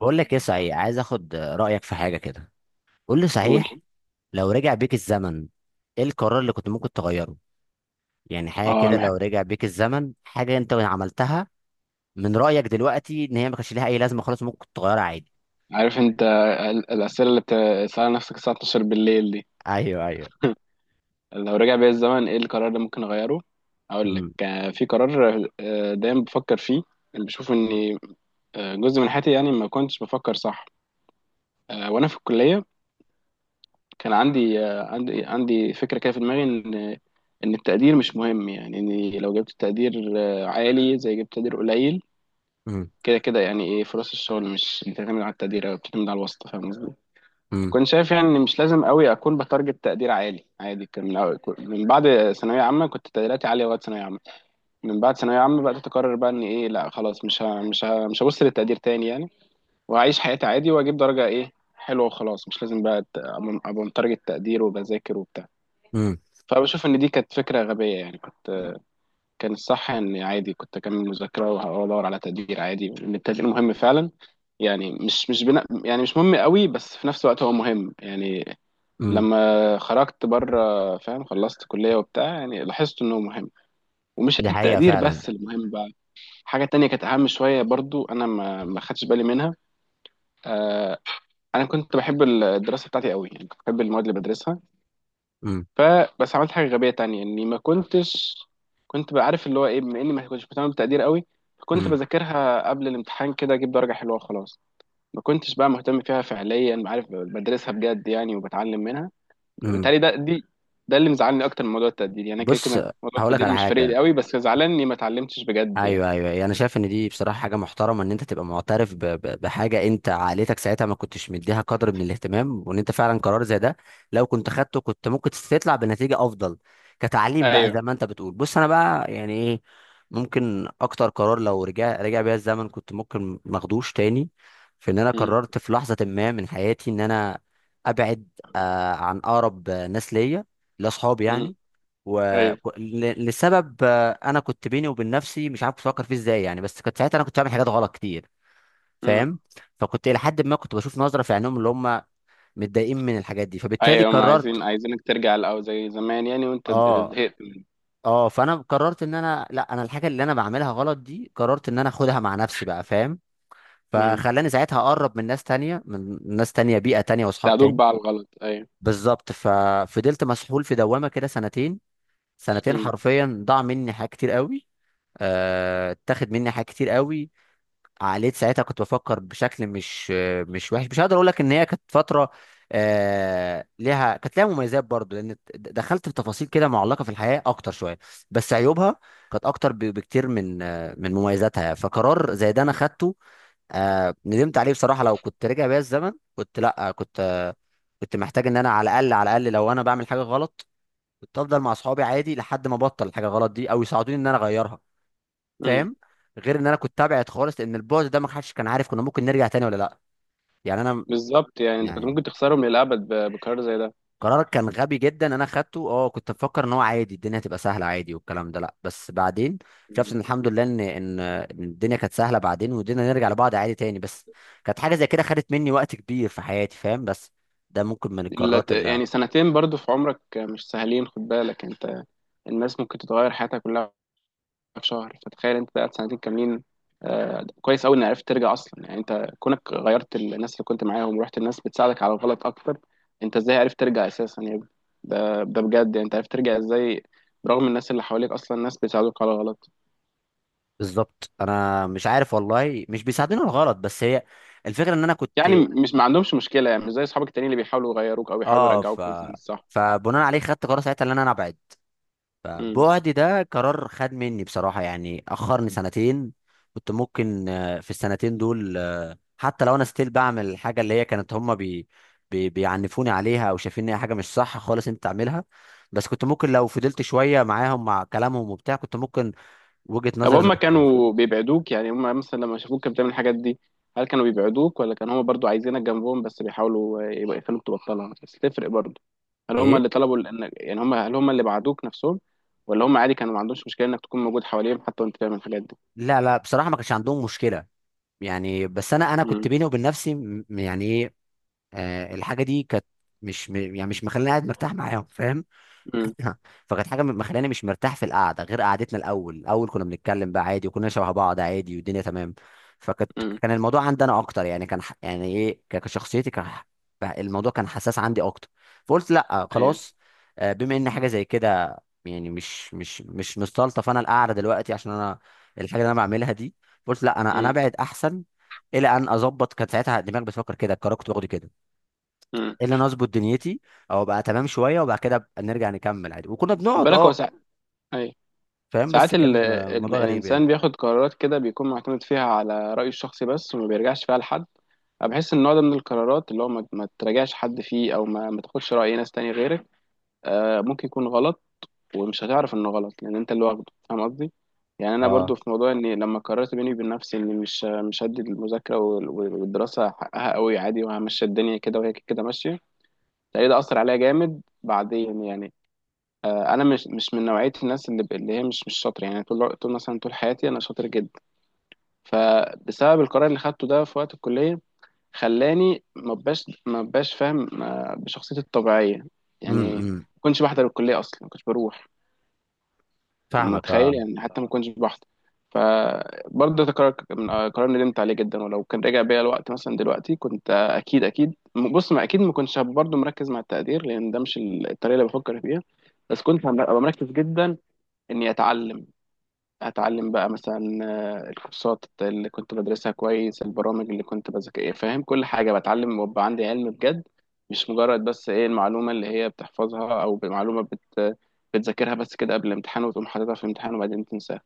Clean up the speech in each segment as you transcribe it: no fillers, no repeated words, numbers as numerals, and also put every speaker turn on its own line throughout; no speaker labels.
بقول لك ايه، صحيح عايز اخد رايك في حاجه كده. قول لي
قول
صحيح، لو رجع بيك الزمن ايه القرار اللي كنت ممكن تغيره؟ يعني حاجه
اه
كده،
الح-
لو رجع بيك الزمن حاجه انت عملتها من رايك دلوقتي ان هي ما كانش ليها اي لازمه، خلاص ممكن تغيرها عادي.
عارف انت الاسئله اللي بتسالها نفسك الساعه 12 بالليل دي.
ايوه، ايوه.
لو رجع بيا الزمن ايه القرار اللي ممكن اغيره؟ اقول لك
امم
في قرار دايما بفكر فيه. اللي بشوف ان جزء من حياتي يعني ما كنتش بفكر صح. وانا في الكليه كان عندي عندي فكره كده في دماغي ان التقدير مش مهم، يعني اني لو جبت تقدير عالي زي جبت تقدير قليل.
امم
كده كده يعني ايه؟ فرص الشغل مش بتعتمد على التقدير او بتعتمد على الواسطه، فاهم.
امم
كنت شايف يعني إن مش لازم قوي اكون بتارجت تقدير عالي عادي. كان من أول من بعد ثانويه عامه كنت تقديراتي عاليه وقت ثانويه عامه. من بعد ثانويه عامه بقى تقرر بقى ان ايه، لا خلاص، مش هبص للتقدير تاني يعني. وهعيش حياتي عادي واجيب درجه ايه حلوه وخلاص، مش لازم بقى ابقى متارجت تقدير وبذاكر وبتاع.
امم
فبشوف ان دي كانت فكره غبيه يعني. كان الصح ان عادي كنت اكمل مذاكره وادور على تقدير عادي، لان التقدير مهم فعلا. يعني مش بنا، يعني مش مهم قوي، بس في نفس الوقت هو مهم يعني.
امم
لما خرجت بره فاهم خلصت كلية وبتاع، يعني لاحظت انه مهم، ومش
دي حقيقه
التقدير
فعلا.
بس المهم بقى. حاجة تانية كانت اهم شوية برضو، انا ما خدتش بالي منها. آه، انا كنت بحب الدراسة بتاعتي قوي، يعني كنت بحب المواد اللي بدرسها.
امم
فبس عملت حاجة غبية تانية، اني ما كنتش كنت بعرف اللي هو ايه، بما اني ما كنتش مهتم بالتقدير قوي، كنت
امم
بذاكرها قبل الامتحان كده اجيب درجة حلوة وخلاص. ما كنتش بقى مهتم فيها فعليا، بعرف بدرسها بجد يعني وبتعلم منها.
امم
بالتالي ده اللي مزعلني اكتر من موضوع التقدير، يعني أنا كده
بص،
كده موضوع
هقول لك
التقدير
على
مش فارق لي
حاجه.
قوي، بس زعلان اني ما اتعلمتش بجد يعني.
ايوه ايوه أيوة. انا يعني شايف ان دي بصراحه حاجه محترمه، ان انت تبقى معترف بحاجه انت عائلتك ساعتها ما كنتش مديها قدر من الاهتمام، وان انت فعلا قرار زي ده لو كنت خدته كنت ممكن تطلع بنتيجه افضل. كتعليم بقى
ايوه.
زي ما انت بتقول. بص انا بقى يعني ايه، ممكن اكتر قرار لو رجع بيا الزمن كنت ممكن ما اخدوش تاني، في ان انا
امم.
قررت في لحظه ما من حياتي ان انا ابعد، آه عن اقرب ناس ليا، لاصحابي
امم.
يعني. و...
ايوه.
لسبب انا كنت بيني وبين نفسي مش عارف بفكر فيه ازاي يعني، بس كنت ساعتها انا كنت بعمل حاجات غلط كتير،
امم.
فاهم؟ فكنت الى حد ما كنت بشوف نظره في عينهم اللي هم متضايقين من الحاجات دي، فبالتالي
ايوه، هم عايزين
قررت.
عايزينك ترجع الاول زي زمان يعني وانت
اه
زهقت.
اه، فانا قررت ان انا لا، انا الحاجه اللي انا بعملها غلط دي قررت ان انا اخدها مع نفسي بقى، فاهم؟
امم.
فخلاني ساعتها اقرب من ناس تانية، من ناس تانية، بيئه تانية واصحاب
ساعدوك
تاني.
بقى على الغلط، ايوه.
بالظبط، ففضلت مسحول في دوامه كده سنتين. سنتين
امم.
حرفيا ضاع مني حاجات كتير قوي. اتاخد مني حاجات كتير قوي. عقليت ساعتها كنت بفكر بشكل مش مش وحش. مش هقدر اقول لك ان هي كانت فتره ليها، كانت ليها مميزات برضو، لان دخلت في تفاصيل كده معلقه في الحياه اكتر شويه. بس عيوبها كانت اكتر بكتير من من مميزاتها. فقرار زي ده انا خدته، ندمت عليه بصراحه. لو كنت رجع بيا الزمن كنت لا، كنت كنت محتاج ان انا على الاقل، على الاقل لو انا بعمل حاجه غلط كنت افضل مع اصحابي عادي، لحد ما ابطل الحاجه غلط دي او يساعدوني ان انا اغيرها،
امم.
فاهم؟ غير ان انا كنت تابعت خالص، لان البعد ده ما حدش كان عارف كنا ممكن نرجع تاني ولا لا. يعني انا
بالظبط، يعني انت كنت
يعني
ممكن تخسرهم للابد بقرار زي ده.
قرارك كان غبي جدا، انا خدته اه. كنت بفكر ان هو عادي، الدنيا هتبقى سهله عادي والكلام ده، لا بس بعدين شفت
مم.
ان الحمد لله ان إن الدنيا كانت سهله بعدين، والدنيا نرجع لبعض عادي تاني. بس كانت حاجه زي كده خدت مني وقت كبير في حياتي، فاهم؟ بس ده ممكن من القرارات اللي،
يعني 2 سنين برضو في عمرك مش سهلين، خد بالك انت. الناس ممكن تتغير حياتها كلها في شهر، فتخيل انت قاعد 2 سنين كاملين. آه، كويس قوي ان عرفت ترجع اصلا، يعني انت كونك غيرت الناس اللي كنت معاهم ورحت الناس بتساعدك على الغلط اكتر، انت ازاي عرفت ترجع اساسا يعني؟ ده بجد يعني انت عرفت ترجع ازاي؟ برغم الناس اللي حواليك، اصلا الناس بتساعدوك على الغلط.
بالظبط. انا مش عارف والله، مش بيساعدني ولا غلط، بس هي الفكره ان انا كنت
يعني مش ما عندهمش مشكله، يعني مش زي اصحابك التانيين اللي بيحاولوا يغيروك او بيحاولوا
اه.
يرجعوك مثلا الصح.
فبناء عليه خدت قرار ساعتها ان انا ابعد.
امم.
فبعدي ده قرار خد مني بصراحة، يعني أخرني سنتين. كنت ممكن في السنتين دول حتى لو أنا ستيل بعمل الحاجة اللي هي كانت هما بي بي بيعنفوني عليها أو شايفين إن هي حاجة مش صح خالص أنت تعملها. بس كنت ممكن لو فضلت شوية معاهم مع كلامهم وبتاع كنت ممكن وجهة
طب
نظري
هم
تتغير.
كانوا بيبعدوك؟ يعني هم مثلا لما شافوك كانت بتعمل الحاجات دي، هل كانوا بيبعدوك ولا كانوا هم برضو عايزينك جنبهم بس بيحاولوا يبقى يخلوك تبطلها بس تفرق برضو؟ هل هم
إيه؟
اللي طلبوا ان، يعني هل هم اللي بعدوك نفسهم ولا هم عادي كانوا ما عندهمش مشكله انك تكون موجود حواليهم حتى وانت بتعمل الحاجات دي؟
لا لا، بصراحة ما كانش عندهم مشكلة يعني. بس أنا، أنا كنت
امم.
بيني وبين نفسي يعني إيه، الحاجة دي كانت مش يعني مش مخليني قاعد مرتاح معاهم، فاهم؟
امم.
فكانت حاجه مخلاني مش مرتاح في القعده، غير قعدتنا الاول. الاول كنا بنتكلم بقى عادي، وكنا شبه بعض عادي والدنيا تمام. فكانت،
امم.
كان الموضوع عندي انا اكتر. يعني كان يعني ايه، كشخصيتي كان الموضوع كان حساس عندي اكتر. فقلت لا
ايوه.
خلاص، بما ان حاجه زي كده، يعني مش مستلطف انا القعده دلوقتي عشان انا الحاجه اللي انا بعملها دي. قلت لا، انا
امم.
ابعد احسن. الى ان اظبط. كانت ساعتها الدماغ بتفكر كده، القرار كنت باخده كده،
امم.
الا انا اظبط دنيتي او ابقى تمام شويه وبعد كده أبقى نرجع نكمل عادي، وكنا
خد
بنقعد
بالك هو
اه.
ساعات، ايوه،
فاهم؟ بس
ساعات
كان الموضوع غريب يعني.
الانسان بياخد قرارات كده بيكون معتمد فيها على رايه الشخصي بس، وما بيرجعش فيها لحد. انا بحس ان النوع ده من القرارات اللي هو ما تراجعش حد فيه او ما تاخدش راي ناس تاني غيرك، آه ممكن يكون غلط، ومش هتعرف انه غلط لان انت اللي واخده، فاهم قصدي. يعني انا
اه.
برضو في موضوع اني لما قررت بيني وبين نفسي اني مش هدي المذاكره والدراسه حقها قوي، عادي وهمشي الدنيا كده وهي كده ماشيه، تلاقي ده اثر عليا جامد بعدين يعني. آه، انا مش من نوعيه الناس اللي هي مش شاطره، يعني طول طول مثلا طول حياتي انا شاطر جدا. فبسبب القرار اللي خدته ده في وقت الكليه، خلاني ما بقاش فاهم آه، بشخصيتي الطبيعيه. يعني ما
إمم.
كنتش بحضر الكليه اصلا، ما كنتش بروح.
فاهمك اه.
متخيل يعني حتى ما كنتش بحضر. فبرضه ده قرار من قرار ندمت عليه جدا، ولو كان رجع بيا الوقت مثلا دلوقتي كنت اكيد اكيد، بص ما اكيد ما كنتش برضه مركز مع التقدير لان ده مش الطريقه اللي بفكر فيها، بس كنت هبقى مركز جدا اني اتعلم. هتعلم بقى مثلا آه، الكورسات اللي كنت بدرسها كويس، البرامج اللي كنت بذاكر فاهم كل حاجة بتعلم وابقى عندي علم بجد. مش مجرد بس ايه المعلومة اللي هي بتحفظها او معلومة بتذاكرها بس كده قبل الامتحان وتقوم حاططها في الامتحان وبعدين تنساها.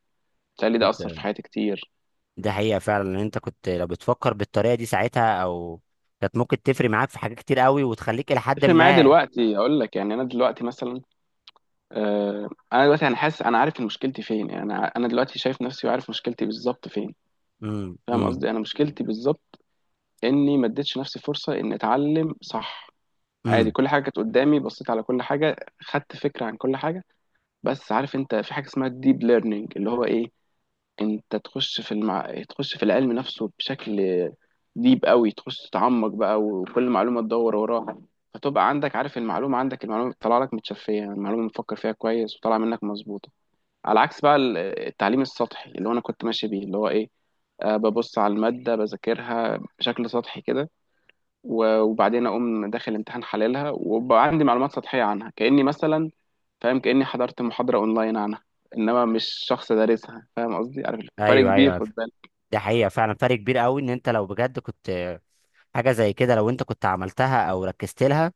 بتهيألي ده
انت
أثر في حياتي كتير.
ده حقيقه فعلا ان انت كنت لو بتفكر بالطريقه دي ساعتها، او كانت ممكن تفرق معاك في حاجات كتير قوي وتخليك الى حد
تفرق معايا
ما.
دلوقتي أقول لك، يعني أنا دلوقتي مثلا أنا حاسس أنا عارف إن مشكلتي فين، يعني أنا دلوقتي شايف نفسي وعارف مشكلتي بالظبط فين،
امم
فاهم
امم
قصدي. أنا مشكلتي بالظبط إني ما اديتش نفسي فرصة إني أتعلم صح. عادي
امم
كل حاجه كانت قدامي بصيت على كل حاجه، خدت فكره عن كل حاجه، بس عارف انت في حاجه اسمها الديب ليرنينج اللي هو ايه. انت تخش في تخش في العلم نفسه بشكل ديب قوي، تخش تتعمق بقى وكل معلومه تدور وراها، فتبقى عندك عارف المعلومه، عندك المعلومه طالعه لك متشفيه يعني، المعلومه مفكر فيها كويس وطالعه منك مظبوطه. على عكس بقى التعليم السطحي اللي هو انا كنت ماشي بيه، اللي هو ايه آه، ببص على الماده بذاكرها بشكل سطحي كده، وبعدين اقوم داخل امتحان حللها وبقى عندي معلومات سطحيه عنها كاني مثلا فاهم كاني حضرت محاضره اونلاين عنها، انما مش شخص دارسها. فاهم قصدي، عارف فرق
ايوه
كبير،
ايوه.
خد بالك.
ده حقيقه فعلا، فرق كبير قوي، ان انت لو بجد كنت حاجه زي كده لو انت كنت عملتها او ركزت لها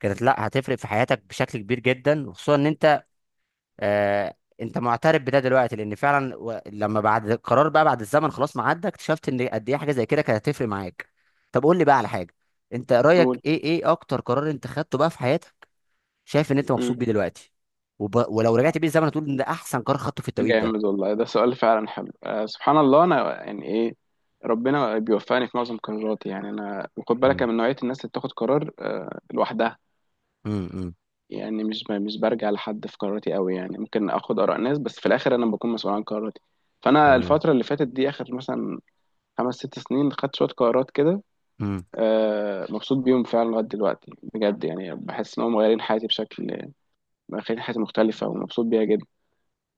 كانت، لا هتفرق في حياتك بشكل كبير جدا. وخصوصا ان انت آه، انت معترف بده دلوقتي، لان فعلا لما بعد القرار بقى، بعد الزمن خلاص ما عدى اكتشفت ان قد ايه حاجه زي كده كانت هتفرق معاك. طب قول لي بقى على حاجه، انت رايك
نقول.
ايه، ايه اكتر قرار انت خدته بقى في حياتك شايف ان انت مبسوط
امم.
بيه دلوقتي، ولو رجعت بيه الزمن هتقول ان ده احسن قرار خدته في التوقيت
جامد
ده؟
والله، ده سؤال فعلا حلو. آه، سبحان الله. انا يعني ايه، ربنا بيوفقني في معظم قراراتي، يعني انا وخد بالك
مم.
أنا من نوعيه الناس اللي بتاخد قرار آه لوحدها.
امم.
يعني مش برجع لحد في قراراتي قوي، يعني ممكن اخد اراء ناس بس في الاخر انا بكون مسؤول عن قراراتي. فانا
تمام.
الفتره اللي فاتت دي اخر مثلا 5 6 سنين خدت شوية قرارات كده،
امم
آه، مبسوط بيهم فعلا لغاية دلوقتي بجد، يعني بحس إن هم مغيرين حياتي بشكل، مغيرين حياتي مختلفة ومبسوط بيها جدا.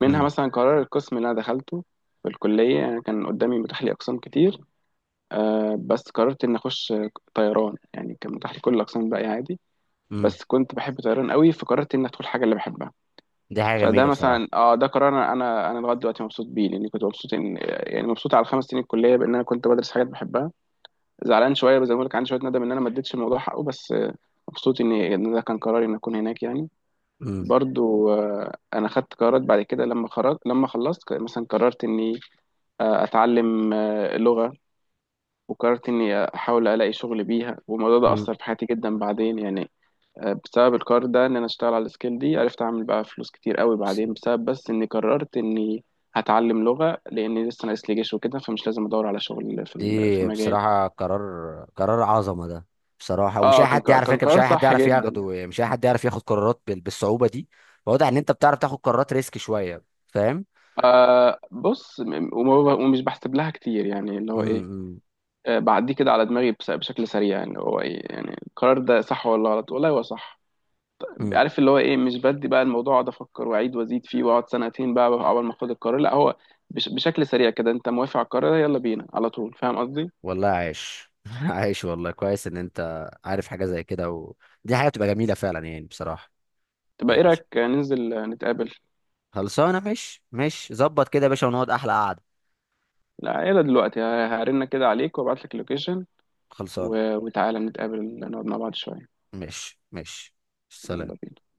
منها
امم
مثلا قرار القسم اللي أنا دخلته في الكلية، يعني كان قدامي متاح لي أقسام كتير، آه، بس قررت إني أخش طيران. يعني كان متاح لي كل الأقسام الباقية عادي،
امم.
بس كنت بحب طيران قوي، فقررت إني أدخل حاجة اللي بحبها.
دي حاجه
فده
جميله بصراحه.
مثلا ده قرار انا انا أنا لغايه دلوقتي مبسوط بيه لاني كنت مبسوط ان، يعني مبسوط على ال5 سنين الكليه بان انا كنت بدرس حاجات بحبها. زعلان شويه زي ما بقول لك، عندي شويه ندم ان انا ما اديتش الموضوع حقه، بس آه، مبسوط إن ده كان قراري ان اكون هناك يعني.
امم
برضو آه، انا خدت قرارات بعد كده لما خرجت لما خلصت مثلا قررت اني آه، اتعلم آه، لغه، وقررت اني احاول الاقي شغل بيها، والموضوع ده
امم.
اثر في حياتي جدا بعدين يعني. آه، بسبب القرار ده ان انا اشتغل على السكيل دي عرفت اعمل بقى فلوس كتير قوي بعدين، بسبب بس اني قررت اني هتعلم لغه لاني لسه ناقص لي جيش وكده فمش لازم ادور على شغل في في
دي
مجال.
بصراحة قرار عظمة ده بصراحة. ومش أي
اه كان
حد يعرف
كان
يركب، مش
قرار
أي حد
صح
يعرف
جدا.
ياخده، مش أي حد يعرف ياخد قرارات بالصعوبة دي. واضح إن أنت بتعرف تاخد قرارات ريسك شوية، فاهم؟
آه بص، ومش بحسب لها كتير، يعني اللي هو ايه
امم
آه، بعديه كده على دماغي بشكل سريع، يعني هو ايه يعني القرار ده صح ولا غلط، والله هو صح.
امم.
عارف اللي هو ايه مش بدي بقى الموضوع اقعد افكر واعيد وازيد فيه واقعد 2 سنين بقى اول ما اخد القرار، لا هو بشكل سريع كده انت موافق على القرار ده؟ يلا بينا على طول، فاهم قصدي.
والله عايش عايش والله. كويس إن أنت عارف حاجة زي كده، ودي حاجة بتبقى جميلة فعلا يعني بصراحة.
تبقى
يعني
ايه رايك ننزل نتقابل؟
خلصانة. مش ظبط كده يا باشا ونقعد أحلى قعدة.
لا يلا دلوقتي هرن كده عليك وابعت لك اللوكيشن،
خلصانة.
وتعالى نتقابل نقعد مع بعض شويه.
مش مش،
يلا
سلام.
بينا